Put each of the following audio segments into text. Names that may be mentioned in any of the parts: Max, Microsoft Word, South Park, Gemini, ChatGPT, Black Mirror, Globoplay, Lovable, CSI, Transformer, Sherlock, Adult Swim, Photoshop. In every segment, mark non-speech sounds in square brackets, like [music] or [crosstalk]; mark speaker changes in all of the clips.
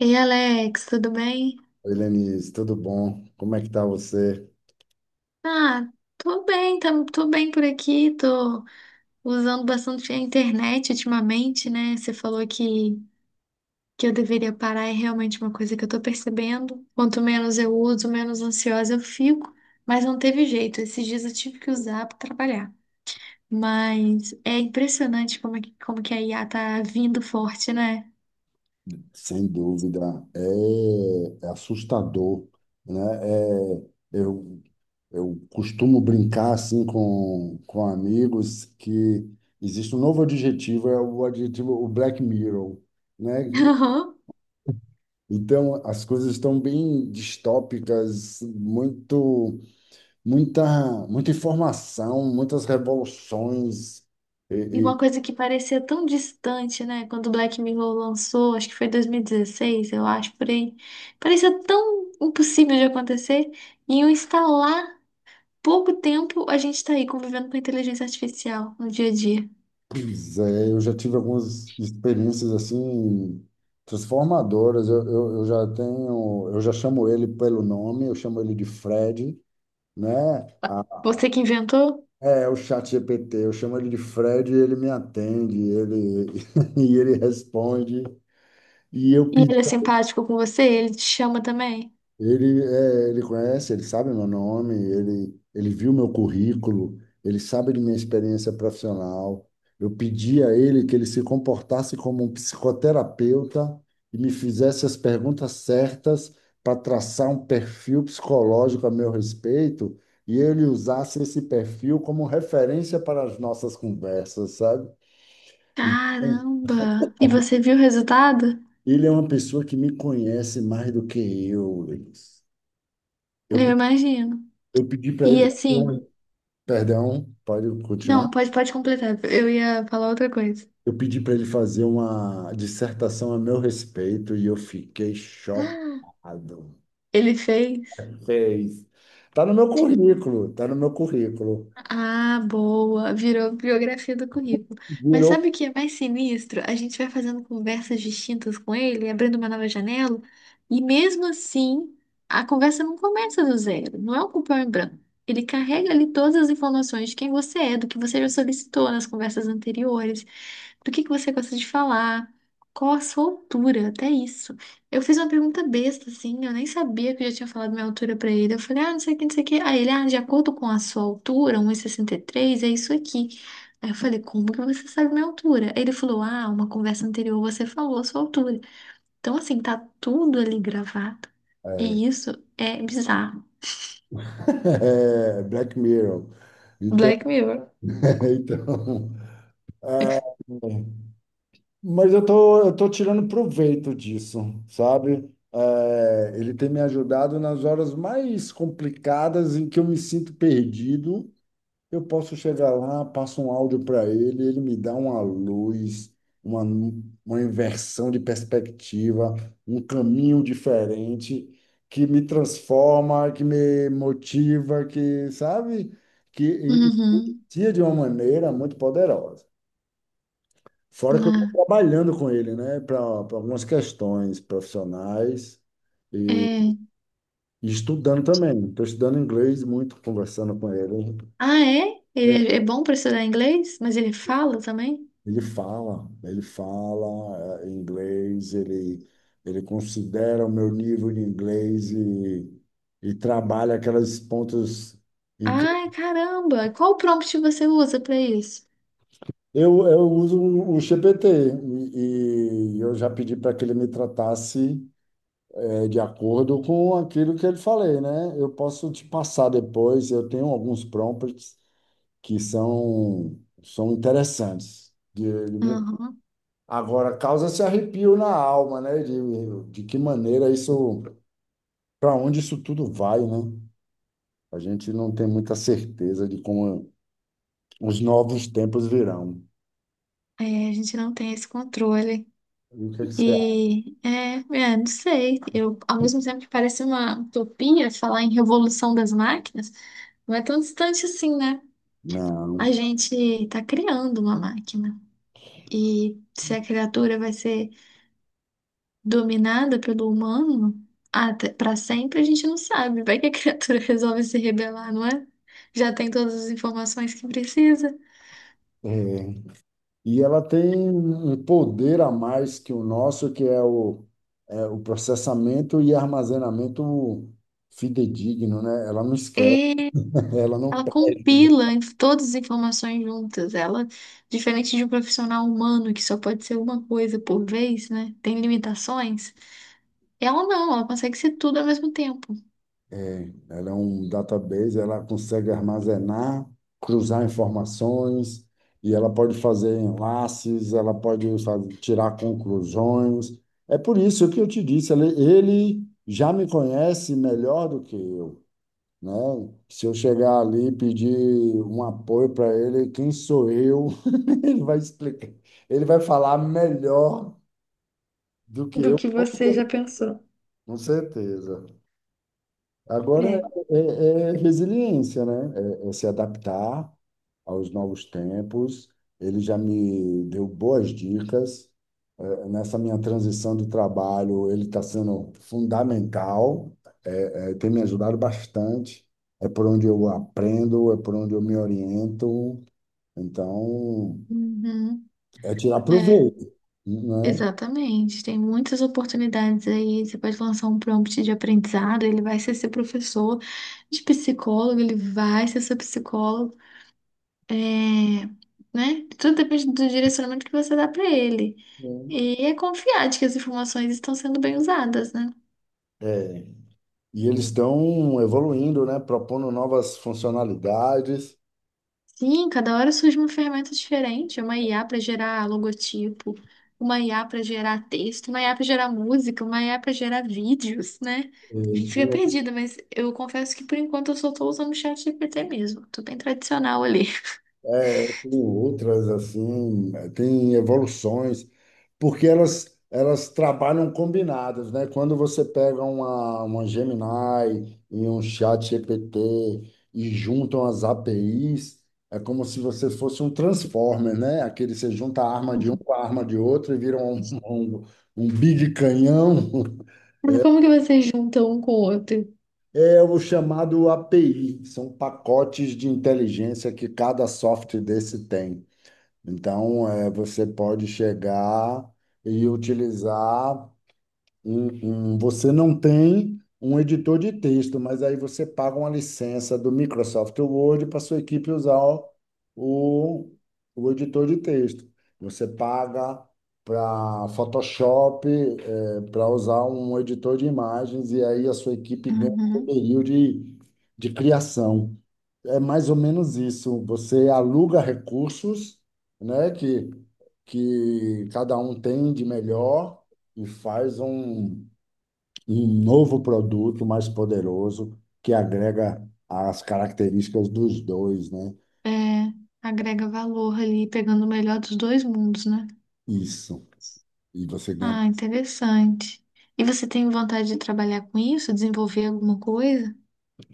Speaker 1: Ei, Alex, tudo bem?
Speaker 2: Oi, Lenise, tudo bom? Como é que tá você?
Speaker 1: Ah, tô bem, tô bem por aqui, tô usando bastante a internet ultimamente, né? Você falou que eu deveria parar, é realmente uma coisa que eu tô percebendo. Quanto menos eu uso, menos ansiosa eu fico, mas não teve jeito, esses dias eu tive que usar pra trabalhar. Mas é impressionante como que a IA tá vindo forte, né?
Speaker 2: Sem dúvida, é assustador, né? É, eu, eu costumo brincar assim com amigos que existe um novo adjetivo, é o adjetivo, o Black Mirror, né?
Speaker 1: [laughs]
Speaker 2: Então, as coisas estão bem distópicas, muita informação, muitas revoluções.
Speaker 1: E uma coisa que parecia tão distante, né? Quando o Black Mirror lançou, acho que foi 2016, eu acho, por aí. Parecia tão impossível de acontecer. E em um pouco tempo, a gente tá aí convivendo com a inteligência artificial no dia a dia.
Speaker 2: Pois é, eu já tive algumas experiências assim transformadoras. Eu já tenho, eu já chamo ele pelo nome, eu chamo ele de Fred, né?
Speaker 1: Você que inventou?
Speaker 2: É, é o chat GPT, eu chamo ele de Fred e ele me atende, ele [laughs] e ele responde. E eu...
Speaker 1: E ele é simpático com você? Ele te chama também?
Speaker 2: Ele, é, ele conhece, ele sabe meu nome, ele viu meu currículo, ele sabe de minha experiência profissional. Eu pedi a ele que ele se comportasse como um psicoterapeuta e me fizesse as perguntas certas para traçar um perfil psicológico a meu respeito e ele usasse esse perfil como referência para as nossas conversas, sabe? Então,
Speaker 1: Caramba! E você viu o resultado?
Speaker 2: ele é uma pessoa que me conhece mais do que eu. Eu,
Speaker 1: Eu
Speaker 2: pe-
Speaker 1: imagino.
Speaker 2: eu pedi para
Speaker 1: E
Speaker 2: ele fazer
Speaker 1: assim,
Speaker 2: uma... Perdão, pode
Speaker 1: não,
Speaker 2: continuar.
Speaker 1: pode completar. Eu ia falar outra coisa.
Speaker 2: Eu pedi para ele fazer uma dissertação a meu respeito e eu fiquei
Speaker 1: [gasps]
Speaker 2: chocado.
Speaker 1: Ele fez.
Speaker 2: Fez. Tá no meu currículo, tá no meu currículo.
Speaker 1: Ah, boa. Virou biografia do currículo. Mas
Speaker 2: Virou...
Speaker 1: sabe o que é mais sinistro? A gente vai fazendo conversas distintas com ele, abrindo uma nova janela, e mesmo assim, a conversa não começa do zero. Não é um cupom em branco. Ele carrega ali todas as informações de quem você é, do que você já solicitou nas conversas anteriores, do que você gosta de falar, qual a sua altura, até isso. Eu fiz uma pergunta besta, assim, eu nem sabia que eu já tinha falado minha altura pra ele. Eu falei, ah, não sei o que, não sei o que. Aí ele, ah, de acordo com a sua altura, um e 63 é isso aqui. Aí eu falei, como que você sabe minha altura? Aí ele falou, ah, uma conversa anterior você falou a sua altura. Então, assim, tá tudo ali gravado.
Speaker 2: é,
Speaker 1: E isso é bizarro.
Speaker 2: [laughs] é, Black Mirror. Então,
Speaker 1: Black Mirror.
Speaker 2: [laughs] então é, mas eu tô tirando proveito disso, sabe? É, ele tem me ajudado nas horas mais complicadas em que eu me sinto perdido. Eu posso chegar lá, passo um áudio para ele, ele me dá uma luz, uma, uma inversão de perspectiva, um caminho diferente que me transforma, que me motiva, que, sabe, que
Speaker 1: Uhum.
Speaker 2: influencia de uma maneira muito poderosa. Fora que eu estou
Speaker 1: Ah,
Speaker 2: trabalhando com ele, né, para algumas questões profissionais e,
Speaker 1: é.
Speaker 2: e estudando também. Estou estudando inglês muito, conversando com ele.
Speaker 1: Ah, é?
Speaker 2: É,
Speaker 1: Ele é bom pra estudar inglês, mas ele fala também?
Speaker 2: ele fala, ele fala inglês, ele considera o meu nível de inglês e trabalha aquelas pontas em que
Speaker 1: Ai, caramba! Qual prompt você usa pra isso?
Speaker 2: eu uso o GPT e eu já pedi para que ele me tratasse, de acordo com aquilo que ele falei, né? Eu posso te passar depois, eu tenho alguns prompts que são, são interessantes. De... Agora, causa-se arrepio na alma, né? De que maneira isso, para onde isso tudo vai, né? A gente não tem muita certeza de como os novos tempos virão.
Speaker 1: É, a gente não tem esse controle.
Speaker 2: E o que é que você acha?
Speaker 1: Não sei. Eu, ao mesmo tempo que parece uma utopia falar em revolução das máquinas, não é tão distante assim, né?
Speaker 2: Não.
Speaker 1: A gente está criando uma máquina. E se a criatura vai ser dominada pelo humano até para sempre, a gente não sabe. Vai que a [laughs] criatura resolve se rebelar, não é? Já tem todas as informações que precisa.
Speaker 2: É. E ela tem um poder a mais que o nosso, que é o, é o processamento e armazenamento fidedigno, né? Ela não esquece, [laughs] ela não
Speaker 1: Ela
Speaker 2: perde, né?
Speaker 1: compila todas as informações juntas. Ela, diferente de um profissional humano que só pode ser uma coisa por vez, né? Tem limitações. Ela não, ela consegue ser tudo ao mesmo tempo.
Speaker 2: Ela é um database, ela consegue armazenar, cruzar informações, e ela pode fazer enlaces, ela pode fazer, tirar conclusões. É por isso que eu te disse, ele já me conhece melhor do que eu, né? Se eu chegar ali e pedir um apoio para ele, quem sou eu? [laughs] Ele vai explicar, ele vai falar melhor do que
Speaker 1: Do
Speaker 2: eu,
Speaker 1: que você já pensou.
Speaker 2: com certeza. Agora
Speaker 1: É.
Speaker 2: é, é é resiliência, né? É, é se adaptar aos novos tempos. Ele já me deu boas dicas. É, nessa minha transição do trabalho, ele está sendo fundamental, é, tem me ajudado bastante. É por onde eu aprendo, é por onde eu me oriento. Então,
Speaker 1: Uhum,
Speaker 2: é tirar
Speaker 1: é,
Speaker 2: proveito, né?
Speaker 1: exatamente. Tem muitas oportunidades aí. Você pode lançar um prompt de aprendizado, ele vai ser seu professor, de psicólogo, ele vai ser seu psicólogo. É, né? Tudo depende do direcionamento que você dá para ele. E é confiar de que as informações estão sendo bem usadas, né?
Speaker 2: É. E eles estão evoluindo, né? Propondo novas funcionalidades.
Speaker 1: Sim, cada hora surge uma ferramenta diferente, uma IA para gerar logotipo, uma IA para gerar texto, uma IA para gerar música, uma IA para gerar vídeos, né? A gente fica
Speaker 2: Tem...
Speaker 1: perdido, mas eu confesso que por enquanto eu só tô usando o chat ChatGPT mesmo. Tô bem tradicional ali. [laughs]
Speaker 2: É, tem outras assim, tem evoluções, porque elas trabalham combinadas, né? Quando você pega uma Gemini e um chat ChatGPT e juntam as APIs, é como se você fosse um Transformer, né? Aquele você junta a arma de um com a arma de outro e vira um big canhão. [laughs]
Speaker 1: Mas como que vocês juntam um com o outro?
Speaker 2: É o chamado API, são pacotes de inteligência que cada software desse tem. Então, é, você pode chegar e utilizar você não tem um editor de texto, mas aí você paga uma licença do Microsoft Word para sua equipe usar o, o editor de texto. Você paga para Photoshop, para usar um editor de imagens, e aí a sua equipe ganha um
Speaker 1: Uhum.
Speaker 2: poderio de criação. É mais ou menos isso. Você aluga recursos, né, que cada um tem de melhor e faz um novo produto mais poderoso que agrega as características dos dois, né?
Speaker 1: É, agrega valor ali, pegando o melhor dos dois mundos, né?
Speaker 2: Isso. E você ganha.
Speaker 1: Ah, interessante. E você tem vontade de trabalhar com isso, desenvolver alguma coisa?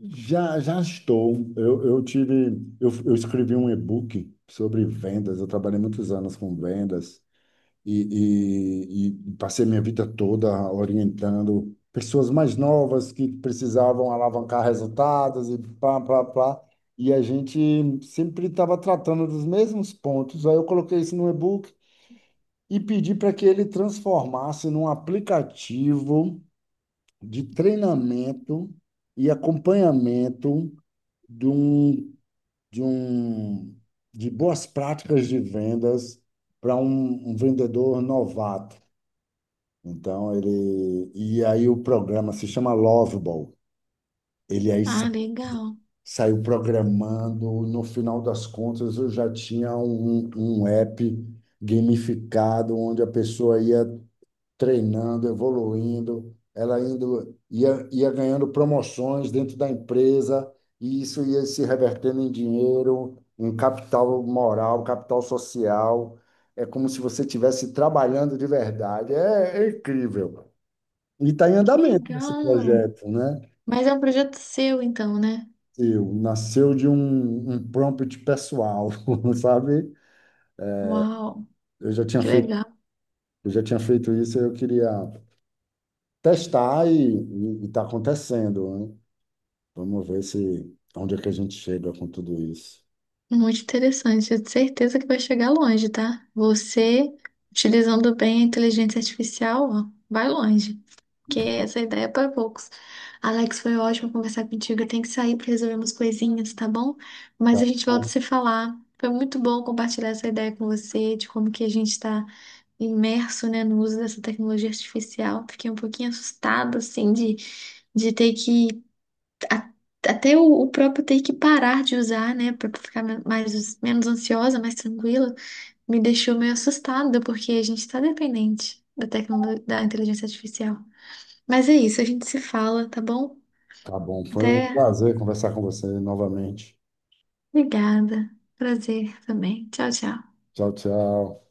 Speaker 2: Já, já estou. Eu tive, eu escrevi um e-book sobre vendas. Eu trabalhei muitos anos com vendas e passei minha vida toda orientando pessoas mais novas que precisavam alavancar resultados e pá, pá, pá. E a gente sempre estava tratando dos mesmos pontos. Aí eu coloquei isso no e-book e pedi para que ele transformasse num aplicativo de treinamento e acompanhamento de um, de um, de boas práticas de vendas para um um vendedor novato. Então ele... e aí o programa se chama Lovable. Ele
Speaker 1: Ah, legal.
Speaker 2: saiu programando. No final das contas, eu já tinha um app gamificado onde a pessoa ia treinando, evoluindo, ela indo ia ganhando promoções dentro da empresa e isso ia se revertendo em dinheiro, em capital moral, capital social. É como se você estivesse trabalhando de verdade. É, é incrível. E está em
Speaker 1: Que
Speaker 2: andamento esse
Speaker 1: legal.
Speaker 2: projeto, né?
Speaker 1: Mas é um projeto seu, então, né?
Speaker 2: Eu, nasceu um prompt pessoal, [laughs] sabe?
Speaker 1: Uau,
Speaker 2: Eu já tinha
Speaker 1: que
Speaker 2: feito,
Speaker 1: legal.
Speaker 2: eu já tinha feito isso, eu queria testar e está acontecendo, né? Vamos ver se onde é que a gente chega com tudo isso.
Speaker 1: Muito interessante. Eu tenho certeza que vai chegar longe, tá? Você, utilizando bem a inteligência artificial, ó, vai longe. Porque essa ideia é para poucos. Alex, foi ótimo conversar contigo. Eu tenho que sair para resolver umas coisinhas, tá bom? Mas a
Speaker 2: Tá
Speaker 1: gente volta
Speaker 2: bom,
Speaker 1: a se falar. Foi muito bom compartilhar essa ideia com você, de como que a gente está imerso, né, no uso dessa tecnologia artificial. Fiquei um pouquinho assustada, assim, de ter a- até o próprio ter que parar de usar, né, para ficar menos ansiosa, mais tranquila, me deixou meio assustada, porque a gente está dependente da tecnologia, da inteligência artificial. Mas é isso, a gente se fala, tá bom?
Speaker 2: tá bom. Foi um
Speaker 1: Até.
Speaker 2: prazer conversar com você novamente.
Speaker 1: Obrigada. Prazer também. Tchau, tchau.
Speaker 2: Tchau, tchau.